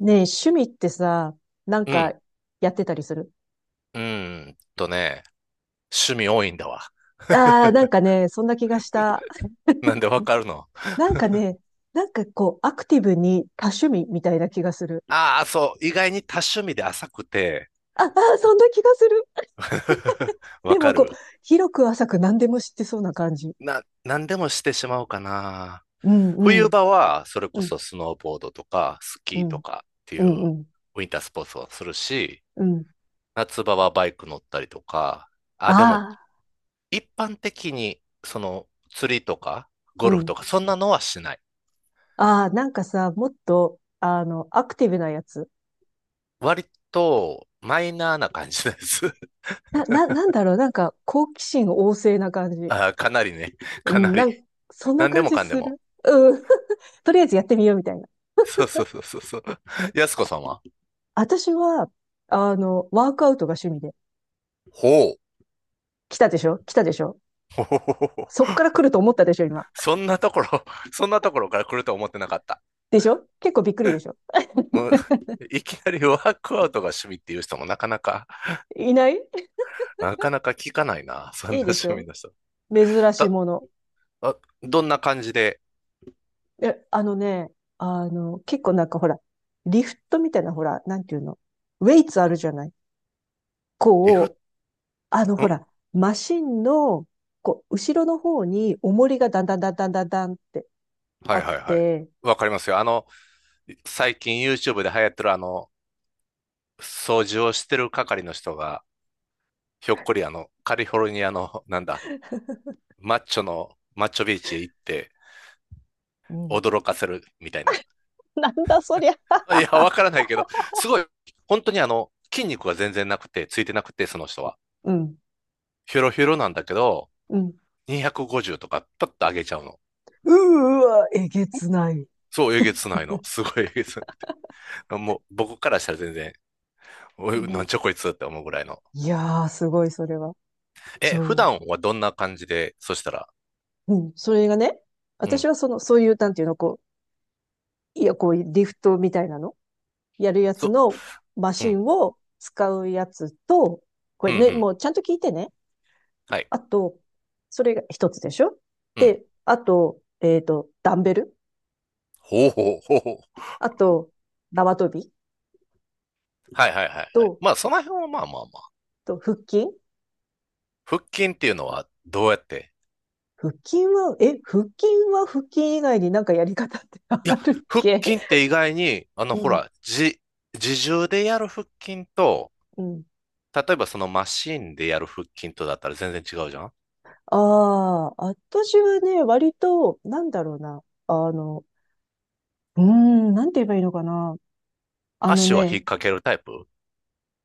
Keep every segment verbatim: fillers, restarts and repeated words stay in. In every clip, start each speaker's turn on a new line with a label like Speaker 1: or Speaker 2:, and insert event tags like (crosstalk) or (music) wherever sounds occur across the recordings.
Speaker 1: ねえ、趣味ってさ、なん
Speaker 2: う
Speaker 1: か
Speaker 2: ん。
Speaker 1: やってたりする？
Speaker 2: うーんとね、趣味多いんだわ。
Speaker 1: ああー、なんかね、そんな気がした。
Speaker 2: (laughs) なんでわかるの？
Speaker 1: なんかね、なんかこう、アクティブに多趣味みたいな気がする。
Speaker 2: ああ、そう。意外に多趣味で浅くて、
Speaker 1: ああー、そんな気がする。
Speaker 2: (laughs) わ
Speaker 1: で
Speaker 2: か
Speaker 1: もこう、
Speaker 2: る。
Speaker 1: 広く浅く何でも知ってそうな感じ。
Speaker 2: な、何でもしてしまうかな。
Speaker 1: うん、う
Speaker 2: 冬
Speaker 1: ん、
Speaker 2: 場は、それ
Speaker 1: う
Speaker 2: こ
Speaker 1: ん、
Speaker 2: そスノーボードとか、スキ
Speaker 1: う
Speaker 2: ーと
Speaker 1: ん、
Speaker 2: かってい
Speaker 1: うん、う
Speaker 2: う
Speaker 1: ん、
Speaker 2: ウィンタースポーツをするし、
Speaker 1: うん。
Speaker 2: 夏場はバイク乗ったりとか、あ、でも、
Speaker 1: ああ、
Speaker 2: 一般的に、その、釣りとか、
Speaker 1: う
Speaker 2: ゴルフ
Speaker 1: ん。
Speaker 2: とか、そんなのはしない。
Speaker 1: ああ、なんかさ、もっと、あの、アクティブなやつ。
Speaker 2: 割と、マイナーな感じです。
Speaker 1: な、な、なんだろう、なんか好奇心旺盛な感じ。
Speaker 2: ああかなりね。(laughs)
Speaker 1: う
Speaker 2: かな
Speaker 1: んな
Speaker 2: り。
Speaker 1: ん、そんな
Speaker 2: 何で
Speaker 1: 感
Speaker 2: も
Speaker 1: じ
Speaker 2: かんで
Speaker 1: す
Speaker 2: も。
Speaker 1: る。うん。(laughs) とりあえずやってみようみたいな。
Speaker 2: そうそうそうそうそう。やすこさんは？
Speaker 1: 私は、あの、ワークアウトが趣味で。
Speaker 2: ほう。
Speaker 1: 来たでしょ？来たでしょ？
Speaker 2: (laughs) ほほほほほ。
Speaker 1: そっから来ると思ったでしょ、今？
Speaker 2: そんなところ、そんなところから来ると思ってなかった。
Speaker 1: でしょ？結構びっくりでしょ？
Speaker 2: うん、いきなりワークアウトが趣味っていう人もなかなか、
Speaker 1: いない。
Speaker 2: なかなか聞かないな。そん
Speaker 1: いい
Speaker 2: な
Speaker 1: でし
Speaker 2: 趣味
Speaker 1: ょ？
Speaker 2: の人。
Speaker 1: 珍しい
Speaker 2: た、
Speaker 1: もの。
Speaker 2: あ、どんな感じで、
Speaker 1: え、あのね、あの、結構なんかほら、リフトみたいなほら、なんていうの？ウェイツあるじゃない？
Speaker 2: リフ、ん
Speaker 1: こう、あのほ
Speaker 2: は
Speaker 1: ら、マシンの、こう、後ろの方に重りがだんだんだんだんだんだんって
Speaker 2: いは
Speaker 1: あ
Speaker 2: い
Speaker 1: っ
Speaker 2: はい。
Speaker 1: て、
Speaker 2: わかりますよ。あの、最近 YouTube で流行ってるあの、掃除をしてる係の人が、ひょっこりあの、カリフォルニアの、なんだ、マッチョの、マッチョビーチへ行って
Speaker 1: うん。
Speaker 2: 驚かせるみたいな。
Speaker 1: (laughs) なんだそりゃ。
Speaker 2: いや、わからないけど、すごい、本当にあの、筋肉が全然なくて、ついてなくて、その人は。
Speaker 1: うん、
Speaker 2: ヒョロヒョロなんだけど、
Speaker 1: うん。
Speaker 2: にひゃくごじゅうとか、パッと上げちゃうの。
Speaker 1: うーわ、えげつない。
Speaker 2: そう、えげつないの。すごいえげつない。もう、僕からしたら全然、おい、な
Speaker 1: も
Speaker 2: んちゃこいつって思うぐらいの。
Speaker 1: う、いやー、すごい、それは。
Speaker 2: え、普
Speaker 1: そ
Speaker 2: 段はどんな感じで、そしたら、
Speaker 1: う。うん、それがね、
Speaker 2: う
Speaker 1: 私
Speaker 2: ん、
Speaker 1: はその、そういう、なんていうの、こう、いや、こう、リフトみたいなの、やるやつ
Speaker 2: そ、
Speaker 1: のマ
Speaker 2: う
Speaker 1: シ
Speaker 2: ん、
Speaker 1: ンを使うやつと、こ
Speaker 2: う
Speaker 1: れ
Speaker 2: ん、う
Speaker 1: ね、
Speaker 2: ん、
Speaker 1: もうちゃんと聞いてね。
Speaker 2: はい、
Speaker 1: あと、それが一つでしょ？
Speaker 2: うん、
Speaker 1: で、あと、えっ、と、ダンベル。
Speaker 2: ほうほうほうほう。
Speaker 1: あと、縄跳び。
Speaker 2: はいはいはいはい。
Speaker 1: と、
Speaker 2: まあ、その辺はまあまあまあ。
Speaker 1: と、腹筋。
Speaker 2: 腹筋っていうのはどうやって？
Speaker 1: 腹筋は、え、腹筋は腹筋以外になんかやり方って
Speaker 2: い
Speaker 1: あ
Speaker 2: や、
Speaker 1: るっ
Speaker 2: 腹
Speaker 1: け？
Speaker 2: 筋って意外に、あの、
Speaker 1: う
Speaker 2: ほ
Speaker 1: ん、
Speaker 2: ら、じ、自重でやる腹筋と、
Speaker 1: うん。
Speaker 2: 例えばそのマシンでやる腹筋とだったら全然違うじゃん。
Speaker 1: ああ、私はね、割と、なんだろうな。あの、うーん、なんて言えばいいのかな。あの
Speaker 2: 足は引っ
Speaker 1: ね、
Speaker 2: 掛けるタイプ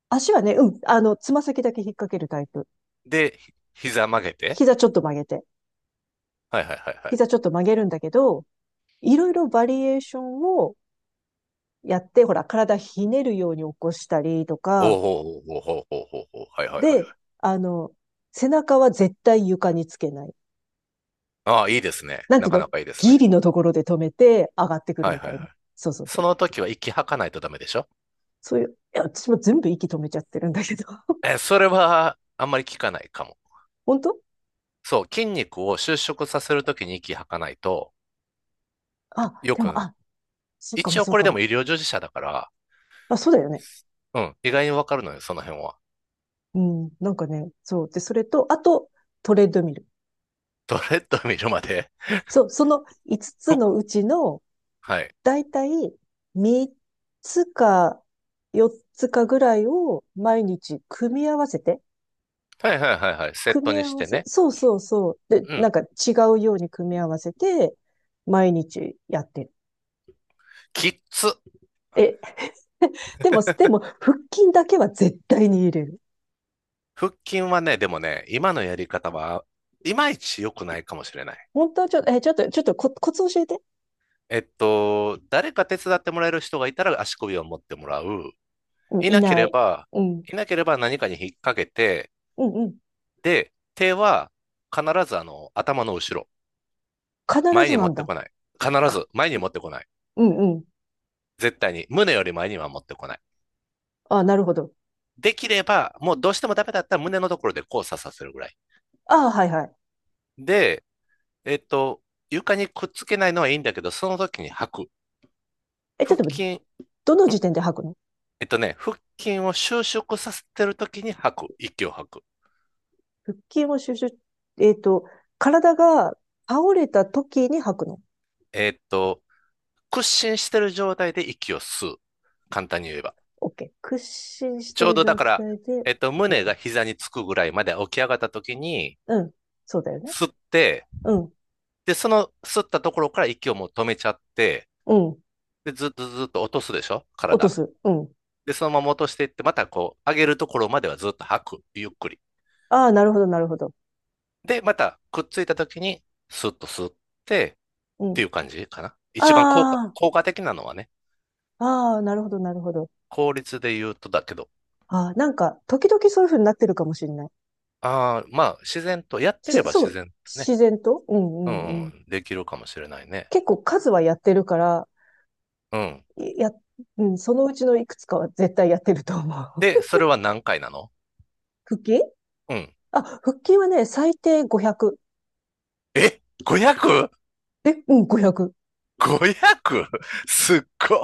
Speaker 1: 足はね、うん、あの、つま先だけ引っ掛けるタイプ。
Speaker 2: で、ひ膝曲げて。
Speaker 1: 膝ちょっと曲げて。
Speaker 2: はいはいはいはい。
Speaker 1: 膝ちょっと曲げるんだけど、いろいろバリエーションをやって、ほら、体ひねるように起こしたりと
Speaker 2: おおお
Speaker 1: か、
Speaker 2: おおおおおお。はいはいはいはい。
Speaker 1: で、あの、背中は絶対床につけない。
Speaker 2: ああ、いいですね。
Speaker 1: なんて
Speaker 2: な
Speaker 1: いう
Speaker 2: かな
Speaker 1: の？
Speaker 2: かいいです
Speaker 1: ギ
Speaker 2: ね。
Speaker 1: リのところで止めて上がってくる
Speaker 2: はい
Speaker 1: み
Speaker 2: は
Speaker 1: た
Speaker 2: いは
Speaker 1: いな。
Speaker 2: い。
Speaker 1: そうそうそ
Speaker 2: そ
Speaker 1: う。
Speaker 2: の時は息吐かないとダメでしょ？
Speaker 1: そういう、いや、私も全部息止めちゃってるんだけど。(laughs)
Speaker 2: え、それはあんまり効かないかも。
Speaker 1: 本当？
Speaker 2: そう、筋肉を収縮させるときに息吐かないと、
Speaker 1: あ、
Speaker 2: よ
Speaker 1: でも、
Speaker 2: く、
Speaker 1: あ、そうかも
Speaker 2: 一応
Speaker 1: そう
Speaker 2: これ
Speaker 1: か
Speaker 2: でも
Speaker 1: も。
Speaker 2: 医療従事者だから、
Speaker 1: あ、そうだよね。
Speaker 2: うん、意外にわかるのよ、その辺は。
Speaker 1: うん、なんかね、そう。で、それと、あと、トレッドミル。
Speaker 2: (laughs) ドレッド見るまで。
Speaker 1: そう、そのいつつ
Speaker 2: ふ
Speaker 1: つ
Speaker 2: っ、
Speaker 1: のうちの、
Speaker 2: はい。
Speaker 1: だいたいみっつかよっつかぐらいを毎日組み合わせて、
Speaker 2: はいはいはいはい。セッ
Speaker 1: 組
Speaker 2: ト
Speaker 1: み
Speaker 2: に
Speaker 1: 合
Speaker 2: し
Speaker 1: わ
Speaker 2: て
Speaker 1: せ、
Speaker 2: ね。
Speaker 1: そうそうそう。で、
Speaker 2: う
Speaker 1: なん
Speaker 2: ん。
Speaker 1: か違うように組み合わせて、毎日やってる。
Speaker 2: きっつ。
Speaker 1: え、でも、でも、腹筋だけは絶対に入れる。
Speaker 2: 腹筋はね、でもね、今のやり方は、いまいち良くないかもしれない。
Speaker 1: 本当はちょっと、え、ちょっと、ちょっとコ、コツ教えて。
Speaker 2: えっと、誰か手伝ってもらえる人がいたら足首を持ってもらう。
Speaker 1: うん、
Speaker 2: い
Speaker 1: い
Speaker 2: なけ
Speaker 1: な
Speaker 2: れ
Speaker 1: い。
Speaker 2: ば、
Speaker 1: うん、
Speaker 2: いなければ何かに引っ掛けて、
Speaker 1: うん、うん。
Speaker 2: で、手は必ずあの、頭の後ろ。
Speaker 1: 必
Speaker 2: 前
Speaker 1: ず
Speaker 2: に持
Speaker 1: なん
Speaker 2: って
Speaker 1: だ。
Speaker 2: こない。必
Speaker 1: か、
Speaker 2: ず前に持ってこない。
Speaker 1: うん、うん。
Speaker 2: 絶対に。胸より前には持ってこない。
Speaker 1: あ、なるほど。
Speaker 2: できれば、もうどうしてもダメだったら胸のところで交差させるぐらい。
Speaker 1: あ、はい、はい。
Speaker 2: で、えっと、床にくっつけないのはいいんだけど、その時に吐く。
Speaker 1: え、ちょっ
Speaker 2: 腹
Speaker 1: と、
Speaker 2: 筋、
Speaker 1: どの
Speaker 2: ん
Speaker 1: 時点で吐くの？
Speaker 2: えっとね、腹筋を収縮させてる時に吐く。息を吐く。
Speaker 1: 腹筋を収集、えっと、体が倒れた時に吐くの？
Speaker 2: えっと、屈伸してる状態で息を吸う。簡単に言えば。
Speaker 1: OK。屈伸し
Speaker 2: ち
Speaker 1: て
Speaker 2: ょう
Speaker 1: る
Speaker 2: どだ
Speaker 1: 状
Speaker 2: から、
Speaker 1: 態で、
Speaker 2: えっと、
Speaker 1: う
Speaker 2: 胸
Speaker 1: ん、
Speaker 2: が膝につくぐらいまで起き上がった時に、
Speaker 1: うん、そうだよね。
Speaker 2: 吸って、
Speaker 1: うん、
Speaker 2: で、その吸ったところから息をもう止めちゃって、
Speaker 1: うん。
Speaker 2: で、ずっとずっと落とすでしょ、
Speaker 1: 落と
Speaker 2: 体。
Speaker 1: す。うん。
Speaker 2: で、そのまま落としていって、またこう、上げるところまではずっと吐く。ゆっくり。
Speaker 1: ああ、なるほど、なるほど。
Speaker 2: で、またくっついた時に、スッと吸って、
Speaker 1: う
Speaker 2: って
Speaker 1: ん。
Speaker 2: いう感じかな。一番効果、
Speaker 1: あ
Speaker 2: 効果的なのはね、
Speaker 1: あ、ああ、なるほど、なるほど。
Speaker 2: 効率で言うとだけど、
Speaker 1: あ、なんか、時々そういう風になってるかもしれない。
Speaker 2: ああ、まあ、自然と、やって
Speaker 1: し、
Speaker 2: れば
Speaker 1: そ
Speaker 2: 自
Speaker 1: う、
Speaker 2: 然とね、
Speaker 1: 自然とう
Speaker 2: う
Speaker 1: ん
Speaker 2: ん
Speaker 1: うんう
Speaker 2: う
Speaker 1: ん。
Speaker 2: ん、できるかもしれないね。
Speaker 1: 結構数はやってるから、
Speaker 2: うん。
Speaker 1: いや、うん、そのうちのいくつかは絶対やってると思
Speaker 2: で、
Speaker 1: う。
Speaker 2: それは何回なの？
Speaker 1: (laughs) 腹筋？
Speaker 2: うん。
Speaker 1: あ、腹筋はね、最低ごひゃく。
Speaker 2: え
Speaker 1: え、うん、ごひゃく。
Speaker 2: ?ごひゃく?ごひゃく? (laughs) すっご。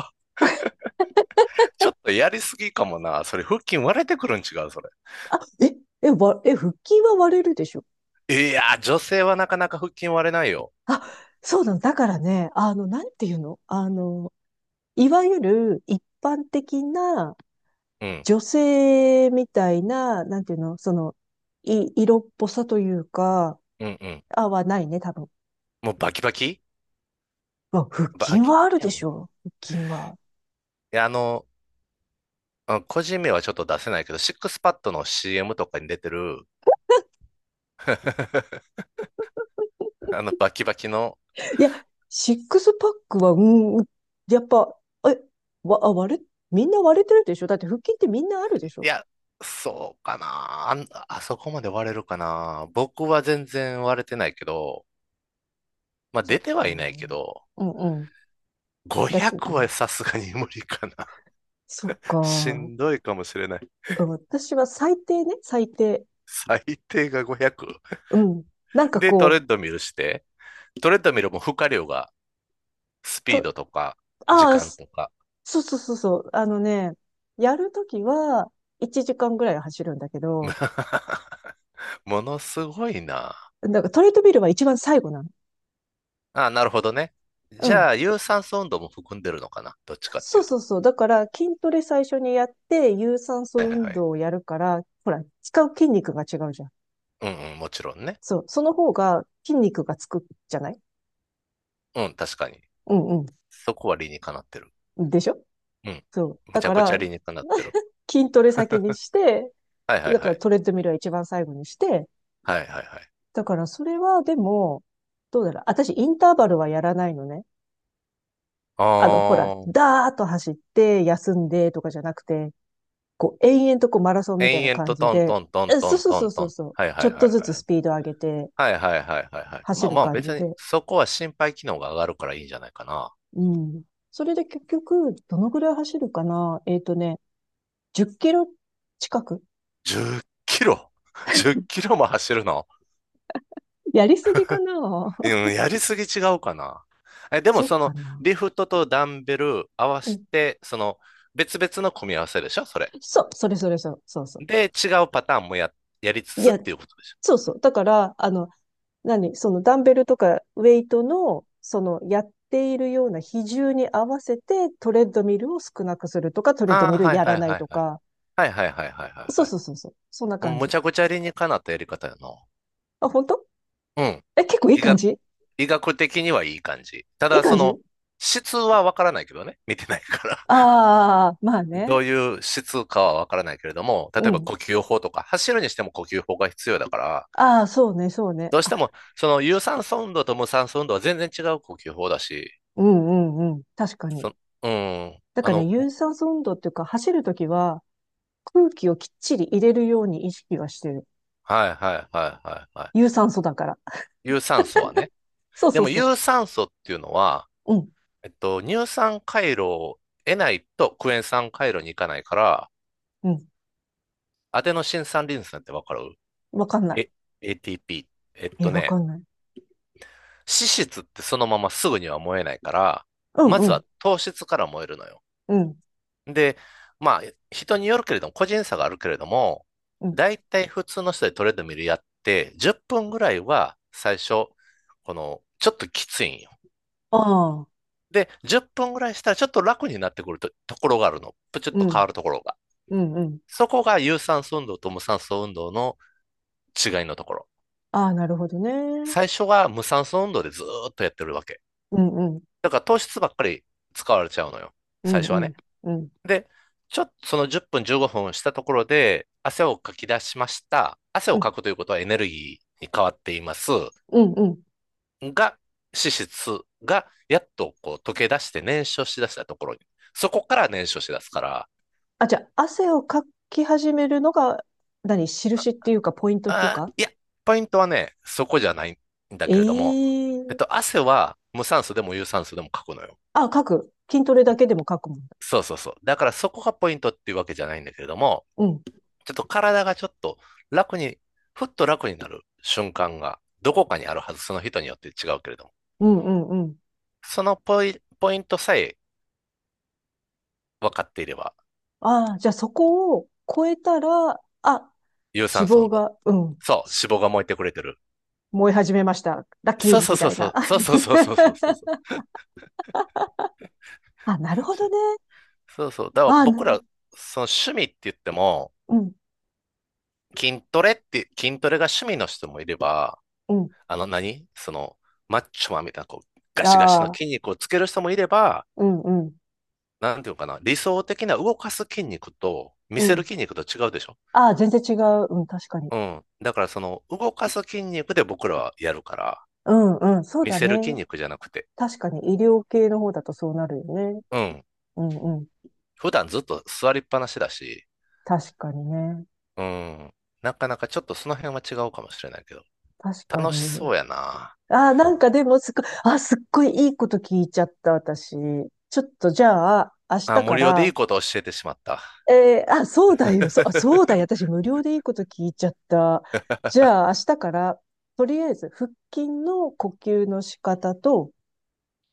Speaker 2: ちょっとやりすぎかもな。それ、腹筋割れてくるん違う、それ。
Speaker 1: あ、え、え、わ、え、腹筋は割れるでしょ。
Speaker 2: いやー、女性はなかなか腹筋割れないよ。
Speaker 1: あ、そうなの。だからね、あの、なんていうの？あの、いわゆる一般的な
Speaker 2: うん。
Speaker 1: 女性みたいな、なんていうの？その、い、色っぽさというか、
Speaker 2: うんうん。
Speaker 1: あ、はないね、多分。
Speaker 2: もうバキバキ
Speaker 1: うわ、腹筋
Speaker 2: バキ
Speaker 1: はあ
Speaker 2: マ
Speaker 1: る
Speaker 2: ニア
Speaker 1: で
Speaker 2: ム。い
Speaker 1: しょ？腹筋は。
Speaker 2: や、あの、うん、個人名はちょっと出せないけど、シックスパッドの シーエム とかに出てる、(laughs) あのバキバキの、
Speaker 1: いや、シックスパックは、うん、やっぱ、え、わ、あ、割れ、みんな割れてるでしょ？だって腹筋ってみんなあるで
Speaker 2: い
Speaker 1: しょ？
Speaker 2: や、そうかな。あん、あそこまで割れるかな。僕は全然割れてないけど、まあ
Speaker 1: そっ
Speaker 2: 出ては
Speaker 1: か。う
Speaker 2: いないけ
Speaker 1: ん
Speaker 2: ど、
Speaker 1: うん。だって、う
Speaker 2: ごひゃくは
Speaker 1: ん、
Speaker 2: さすがに無理かな。
Speaker 1: そっ
Speaker 2: (laughs) し
Speaker 1: か。
Speaker 2: んどいかもしれない。
Speaker 1: うん、私は最低ね、最低。
Speaker 2: 最低がごひゃく。
Speaker 1: うん。なんか
Speaker 2: で、トレ
Speaker 1: こ
Speaker 2: ッ
Speaker 1: う、
Speaker 2: ドミルして、トレッドミルも負荷量がスピー
Speaker 1: と、
Speaker 2: ドとか時
Speaker 1: ああ、
Speaker 2: 間
Speaker 1: す、
Speaker 2: とか、
Speaker 1: そうそうそうそう。あのね、やるときはいちじかんぐらい走るんだけど、
Speaker 2: (laughs) ものすごいな。
Speaker 1: なんかトレッドミルは一番最後なの。
Speaker 2: あ、なるほどね。じゃあ、有酸素運動も含んでるのかな。どっちかっ
Speaker 1: そ
Speaker 2: てい
Speaker 1: う
Speaker 2: うと。
Speaker 1: そうそう。だから、筋トレ最初にやって、有酸
Speaker 2: は
Speaker 1: 素
Speaker 2: いはいは
Speaker 1: 運
Speaker 2: い。
Speaker 1: 動をやるから、ほら、使う筋肉が違うじゃん。
Speaker 2: うんうん、もちろんね。
Speaker 1: そう。その方が筋肉がつくじゃない？
Speaker 2: うん、確かに。
Speaker 1: うん
Speaker 2: そこは理にかなってる。
Speaker 1: うん。でしょ？
Speaker 2: うん。
Speaker 1: そう。
Speaker 2: む
Speaker 1: だ
Speaker 2: ちゃ
Speaker 1: か
Speaker 2: くちゃ
Speaker 1: ら、
Speaker 2: 理にかなってる。
Speaker 1: (laughs) 筋トレ先にして、
Speaker 2: はいは
Speaker 1: で
Speaker 2: い
Speaker 1: だ
Speaker 2: は
Speaker 1: から
Speaker 2: い。
Speaker 1: トレッドミルは一番最後にして、
Speaker 2: はいはいはい。
Speaker 1: だからそれはでも、どうだろう。私、インターバルはやらないのね。あの、ほら、
Speaker 2: ああ、
Speaker 1: ダーッと走って、休んでとかじゃなくて、こう、延々とこうマラソンみたい
Speaker 2: 延
Speaker 1: な
Speaker 2: 々
Speaker 1: 感
Speaker 2: と
Speaker 1: じ
Speaker 2: トン
Speaker 1: で、
Speaker 2: トントン
Speaker 1: え
Speaker 2: ト
Speaker 1: そう
Speaker 2: ン
Speaker 1: そう
Speaker 2: ト
Speaker 1: そ
Speaker 2: ン
Speaker 1: うそ
Speaker 2: ト
Speaker 1: う
Speaker 2: ン。
Speaker 1: そう。
Speaker 2: はい
Speaker 1: ち
Speaker 2: は
Speaker 1: ょ
Speaker 2: い
Speaker 1: っ
Speaker 2: はいは
Speaker 1: と
Speaker 2: い。
Speaker 1: ずつスピード上げて
Speaker 2: はいはいはいはいはい。ま
Speaker 1: 走
Speaker 2: あ
Speaker 1: る
Speaker 2: まあ
Speaker 1: 感じ
Speaker 2: 別に、
Speaker 1: で。
Speaker 2: そこは心肺機能が上がるからいいんじゃないかな。
Speaker 1: うん。それで結局、どのぐらい走るかな？えっとね、じゅっきろ近く。
Speaker 2: じゅっキロ。 (laughs) ?じゅっ キロも走るの？
Speaker 1: やりすぎかな？
Speaker 2: うん、やりすぎ違うかな。え、
Speaker 1: (laughs)
Speaker 2: でも
Speaker 1: そっ
Speaker 2: そ
Speaker 1: か
Speaker 2: の、
Speaker 1: な。
Speaker 2: リフトとダンベル合わ
Speaker 1: う
Speaker 2: せ
Speaker 1: ん。
Speaker 2: て、その、別々の組み合わせでしょ、それ。
Speaker 1: そう、それそれそう、そうそ
Speaker 2: で、違うパターンもや、やりつ
Speaker 1: う。い
Speaker 2: つっ
Speaker 1: や、
Speaker 2: ていうことでしょ？
Speaker 1: そうそう。だから、あの、何そのダンベルとかウェイトの、そのやっているような比重に合わせてトレッドミルを少なくするとか、トレッド
Speaker 2: あ
Speaker 1: ミルやらない
Speaker 2: あ、
Speaker 1: とか、
Speaker 2: はいはいはいはいはいはいはいはいはい
Speaker 1: そう
Speaker 2: はい。
Speaker 1: そうそうそう。そんな
Speaker 2: うん、
Speaker 1: 感
Speaker 2: む
Speaker 1: じ。
Speaker 2: ちゃくちゃ理にかなったやり方やな。
Speaker 1: あ、本当？
Speaker 2: うん。
Speaker 1: え、結構いい
Speaker 2: 医
Speaker 1: 感
Speaker 2: 学、
Speaker 1: じ？
Speaker 2: 医学的にはいい感じ。た
Speaker 1: いい
Speaker 2: だ、
Speaker 1: 感
Speaker 2: そ
Speaker 1: じ？
Speaker 2: の、質はわからないけどね。見てないから。
Speaker 1: ああー、まあ
Speaker 2: (laughs) ど
Speaker 1: ね。
Speaker 2: ういう質かはわからないけれども、例
Speaker 1: う
Speaker 2: えば
Speaker 1: ん。
Speaker 2: 呼吸法とか、走るにしても呼吸法が必要だから、
Speaker 1: ああ、そうね、そうね。
Speaker 2: どうし
Speaker 1: あ、
Speaker 2: ても、その有酸素運動と無酸素運動は全然違う呼吸法だし、
Speaker 1: うんうんうん。確かに。
Speaker 2: そ、うん、
Speaker 1: だ
Speaker 2: あ
Speaker 1: からね、
Speaker 2: の、
Speaker 1: 有酸素運動っていうか、走るときは空気をきっちり入れるように意識はしてる。
Speaker 2: はいはいはいはいは
Speaker 1: 有酸素だから。
Speaker 2: い。有酸素はね。
Speaker 1: そう
Speaker 2: で
Speaker 1: そう
Speaker 2: も
Speaker 1: そ
Speaker 2: 有酸素っていうのは、
Speaker 1: う。うん、
Speaker 2: えっと、乳酸回路を得ないとクエン酸回路に行かないから、
Speaker 1: うん。
Speaker 2: アデノシン酸リン酸ってわかる？
Speaker 1: わかんな
Speaker 2: え、エーティーピー。えっ
Speaker 1: い。え、
Speaker 2: と
Speaker 1: わか
Speaker 2: ね、
Speaker 1: んない。
Speaker 2: 脂質ってそのまますぐには燃えないから、
Speaker 1: うん、
Speaker 2: ま
Speaker 1: う
Speaker 2: ず
Speaker 1: ん、
Speaker 2: は糖質から燃えるのよ。
Speaker 1: うん、
Speaker 2: で、まあ、人によるけれども、個人差があるけれども、
Speaker 1: うん。
Speaker 2: だいたい普通の人でトレードミルやって、じゅっぷんぐらいは最初、この、ちょっときついんよ。
Speaker 1: ああ、
Speaker 2: で、じゅっぷんぐらいしたらちょっと楽になってくると、ところがあるの。プチッ
Speaker 1: う
Speaker 2: と変わ
Speaker 1: ん、
Speaker 2: るところが。
Speaker 1: うん、うん。
Speaker 2: そこが有酸素運動と無酸素運動の違いのところ。
Speaker 1: ああ、なるほどね。
Speaker 2: 最初は無酸素運動でずーっとやってるわけ。
Speaker 1: うん、うん、
Speaker 2: だから糖質ばっかり使われちゃうのよ。
Speaker 1: う
Speaker 2: 最
Speaker 1: ん、
Speaker 2: 初
Speaker 1: う
Speaker 2: は
Speaker 1: ん、
Speaker 2: ね。
Speaker 1: うん、
Speaker 2: で、ちょっとそのじゅっぷんじゅうごふんしたところで汗をかき出しました。汗
Speaker 1: う
Speaker 2: を
Speaker 1: ん、
Speaker 2: かくということはエネルギーに変わっています。
Speaker 1: うん、うん。
Speaker 2: が、脂質がやっとこう溶け出して燃焼しだしたところに。そこから燃焼しだすから、
Speaker 1: あ、じゃあ、汗をかき始めるのが、何、印っていうか、ポイントっていう
Speaker 2: あ
Speaker 1: か。
Speaker 2: ー、いや、ポイントはね、そこじゃないんだけれども、えっ
Speaker 1: ええ。
Speaker 2: と、汗は無酸素でも有酸素でもかくのよ。
Speaker 1: あ、書く。筋トレだけでも書くもんだ。
Speaker 2: そうそうそう。だからそこがポイントっていうわけじゃないんだけれども、
Speaker 1: うん。
Speaker 2: ちょっと体がちょっと楽に、ふっと楽になる瞬間がどこかにあるはず、その人によって違うけれども。
Speaker 1: うんうんうん。
Speaker 2: そのポイ、ポイントさえ分かっていれば、
Speaker 1: ああ、じゃあそこを超えたら、あ、
Speaker 2: 有酸
Speaker 1: 脂
Speaker 2: 素
Speaker 1: 肪
Speaker 2: 運動。
Speaker 1: が、うん、
Speaker 2: そう、
Speaker 1: し
Speaker 2: 脂肪が燃えてくれてる。
Speaker 1: 燃え始めました。ラッキ
Speaker 2: そう
Speaker 1: ー
Speaker 2: そ
Speaker 1: み
Speaker 2: うそ
Speaker 1: た
Speaker 2: う
Speaker 1: い
Speaker 2: そ
Speaker 1: な。
Speaker 2: う、そうそうそうそうそうそうそ
Speaker 1: (laughs)
Speaker 2: う。
Speaker 1: あ、なるほどね。
Speaker 2: そうそう。だから
Speaker 1: あ、
Speaker 2: 僕
Speaker 1: な
Speaker 2: ら、その趣味って言っても、
Speaker 1: うん、
Speaker 2: 筋トレって、筋トレが趣味の人もいれば、
Speaker 1: うん。
Speaker 2: あの何その、マッチョマンみたいな、こう、ガシガシの
Speaker 1: ああ、
Speaker 2: 筋肉をつける人もいれば、
Speaker 1: うん、うん、
Speaker 2: なんていうかな、理想的な動かす筋肉と見
Speaker 1: う
Speaker 2: せる
Speaker 1: ん。
Speaker 2: 筋肉と違うでしょ？
Speaker 1: ああ、全然違う。うん、確かに。
Speaker 2: うん。だからその動かす筋肉で僕らはやるから、
Speaker 1: うん、うん、そう
Speaker 2: 見
Speaker 1: だ
Speaker 2: せる筋
Speaker 1: ね。
Speaker 2: 肉じゃなくて、
Speaker 1: 確かに医療系の方だとそうなるよね。
Speaker 2: うん。
Speaker 1: うんうん。
Speaker 2: 普段ずっと座りっぱなしだし、
Speaker 1: 確かにね。
Speaker 2: うん。なかなかちょっとその辺は違うかもしれないけど、
Speaker 1: 確か
Speaker 2: 楽しそ
Speaker 1: に。
Speaker 2: うやな。
Speaker 1: あ、なんかでもすっごい、あ、すっごいいいこと聞いちゃった、私。ちょっとじゃあ、明日
Speaker 2: あ、無
Speaker 1: か
Speaker 2: 料でいい
Speaker 1: ら、
Speaker 2: ことを教えてしまった。
Speaker 1: えーあ、そうだよ、そ、あ、そう
Speaker 2: (laughs)
Speaker 1: だよ、私無料でいいこと聞いちゃった。じゃあ、明日から、とりあえず、腹筋の呼吸の仕方と、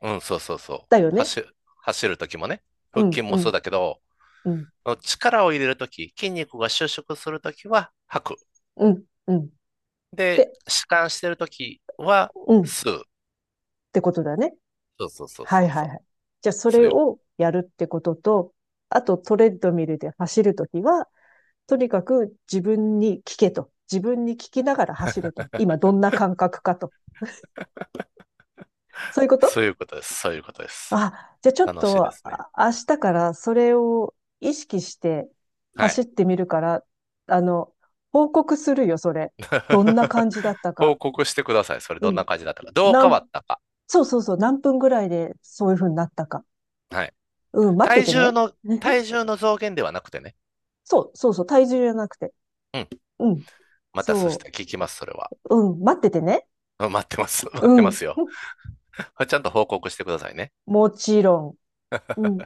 Speaker 2: うん、そうそうそ
Speaker 1: だよ
Speaker 2: う。
Speaker 1: ね。
Speaker 2: 走、走るときもね、
Speaker 1: う
Speaker 2: 腹筋
Speaker 1: ん、う
Speaker 2: もそ
Speaker 1: ん、
Speaker 2: うだけど、
Speaker 1: うん、
Speaker 2: 力を入れるとき、筋肉が収縮するときは吐く。
Speaker 1: うん、うん。
Speaker 2: で、
Speaker 1: で、
Speaker 2: 弛緩してるときは、
Speaker 1: うん、っ
Speaker 2: 吸う。
Speaker 1: てことだね。
Speaker 2: そうそうそう
Speaker 1: は
Speaker 2: そう
Speaker 1: いは
Speaker 2: そ
Speaker 1: い
Speaker 2: う。
Speaker 1: はい。じゃあ、そ
Speaker 2: そう
Speaker 1: れ
Speaker 2: いう、
Speaker 1: をやるってことと、あとトレッドミルで走るときは、とにかく自分に聞けと。自分に聞きながら走れと。今どんな感覚かと。そういうこ
Speaker 2: そ
Speaker 1: と？
Speaker 2: ういうことです。そういうことです。
Speaker 1: あ、じゃあちょっ
Speaker 2: 楽しいで
Speaker 1: と
Speaker 2: すね。
Speaker 1: 明日からそれを意識して
Speaker 2: は
Speaker 1: 走っ
Speaker 2: い。
Speaker 1: てみるから、あの、報告するよ、それ。どんな
Speaker 2: (laughs)
Speaker 1: 感じだった
Speaker 2: 報
Speaker 1: か。
Speaker 2: 告してください。それ
Speaker 1: う
Speaker 2: どん
Speaker 1: ん。
Speaker 2: な感じだったか。どう
Speaker 1: な
Speaker 2: 変わっ
Speaker 1: ん
Speaker 2: たか。
Speaker 1: そうそうそう、何分ぐらいでそういう風になったか。
Speaker 2: はい。
Speaker 1: うん、待って
Speaker 2: 体
Speaker 1: て
Speaker 2: 重
Speaker 1: ね。
Speaker 2: の、
Speaker 1: (laughs)
Speaker 2: 体重の増減ではなくてね。
Speaker 1: そう、そうそう、体重じゃなくて。
Speaker 2: うん。
Speaker 1: うん。
Speaker 2: またそした
Speaker 1: そ
Speaker 2: ら聞きます、それは。
Speaker 1: う。うん、待っててね。
Speaker 2: うん、待ってます。(laughs) 待
Speaker 1: う
Speaker 2: ってま
Speaker 1: ん。
Speaker 2: すよ。(laughs) ちゃんと報告してくださいね。
Speaker 1: もちろん。うん。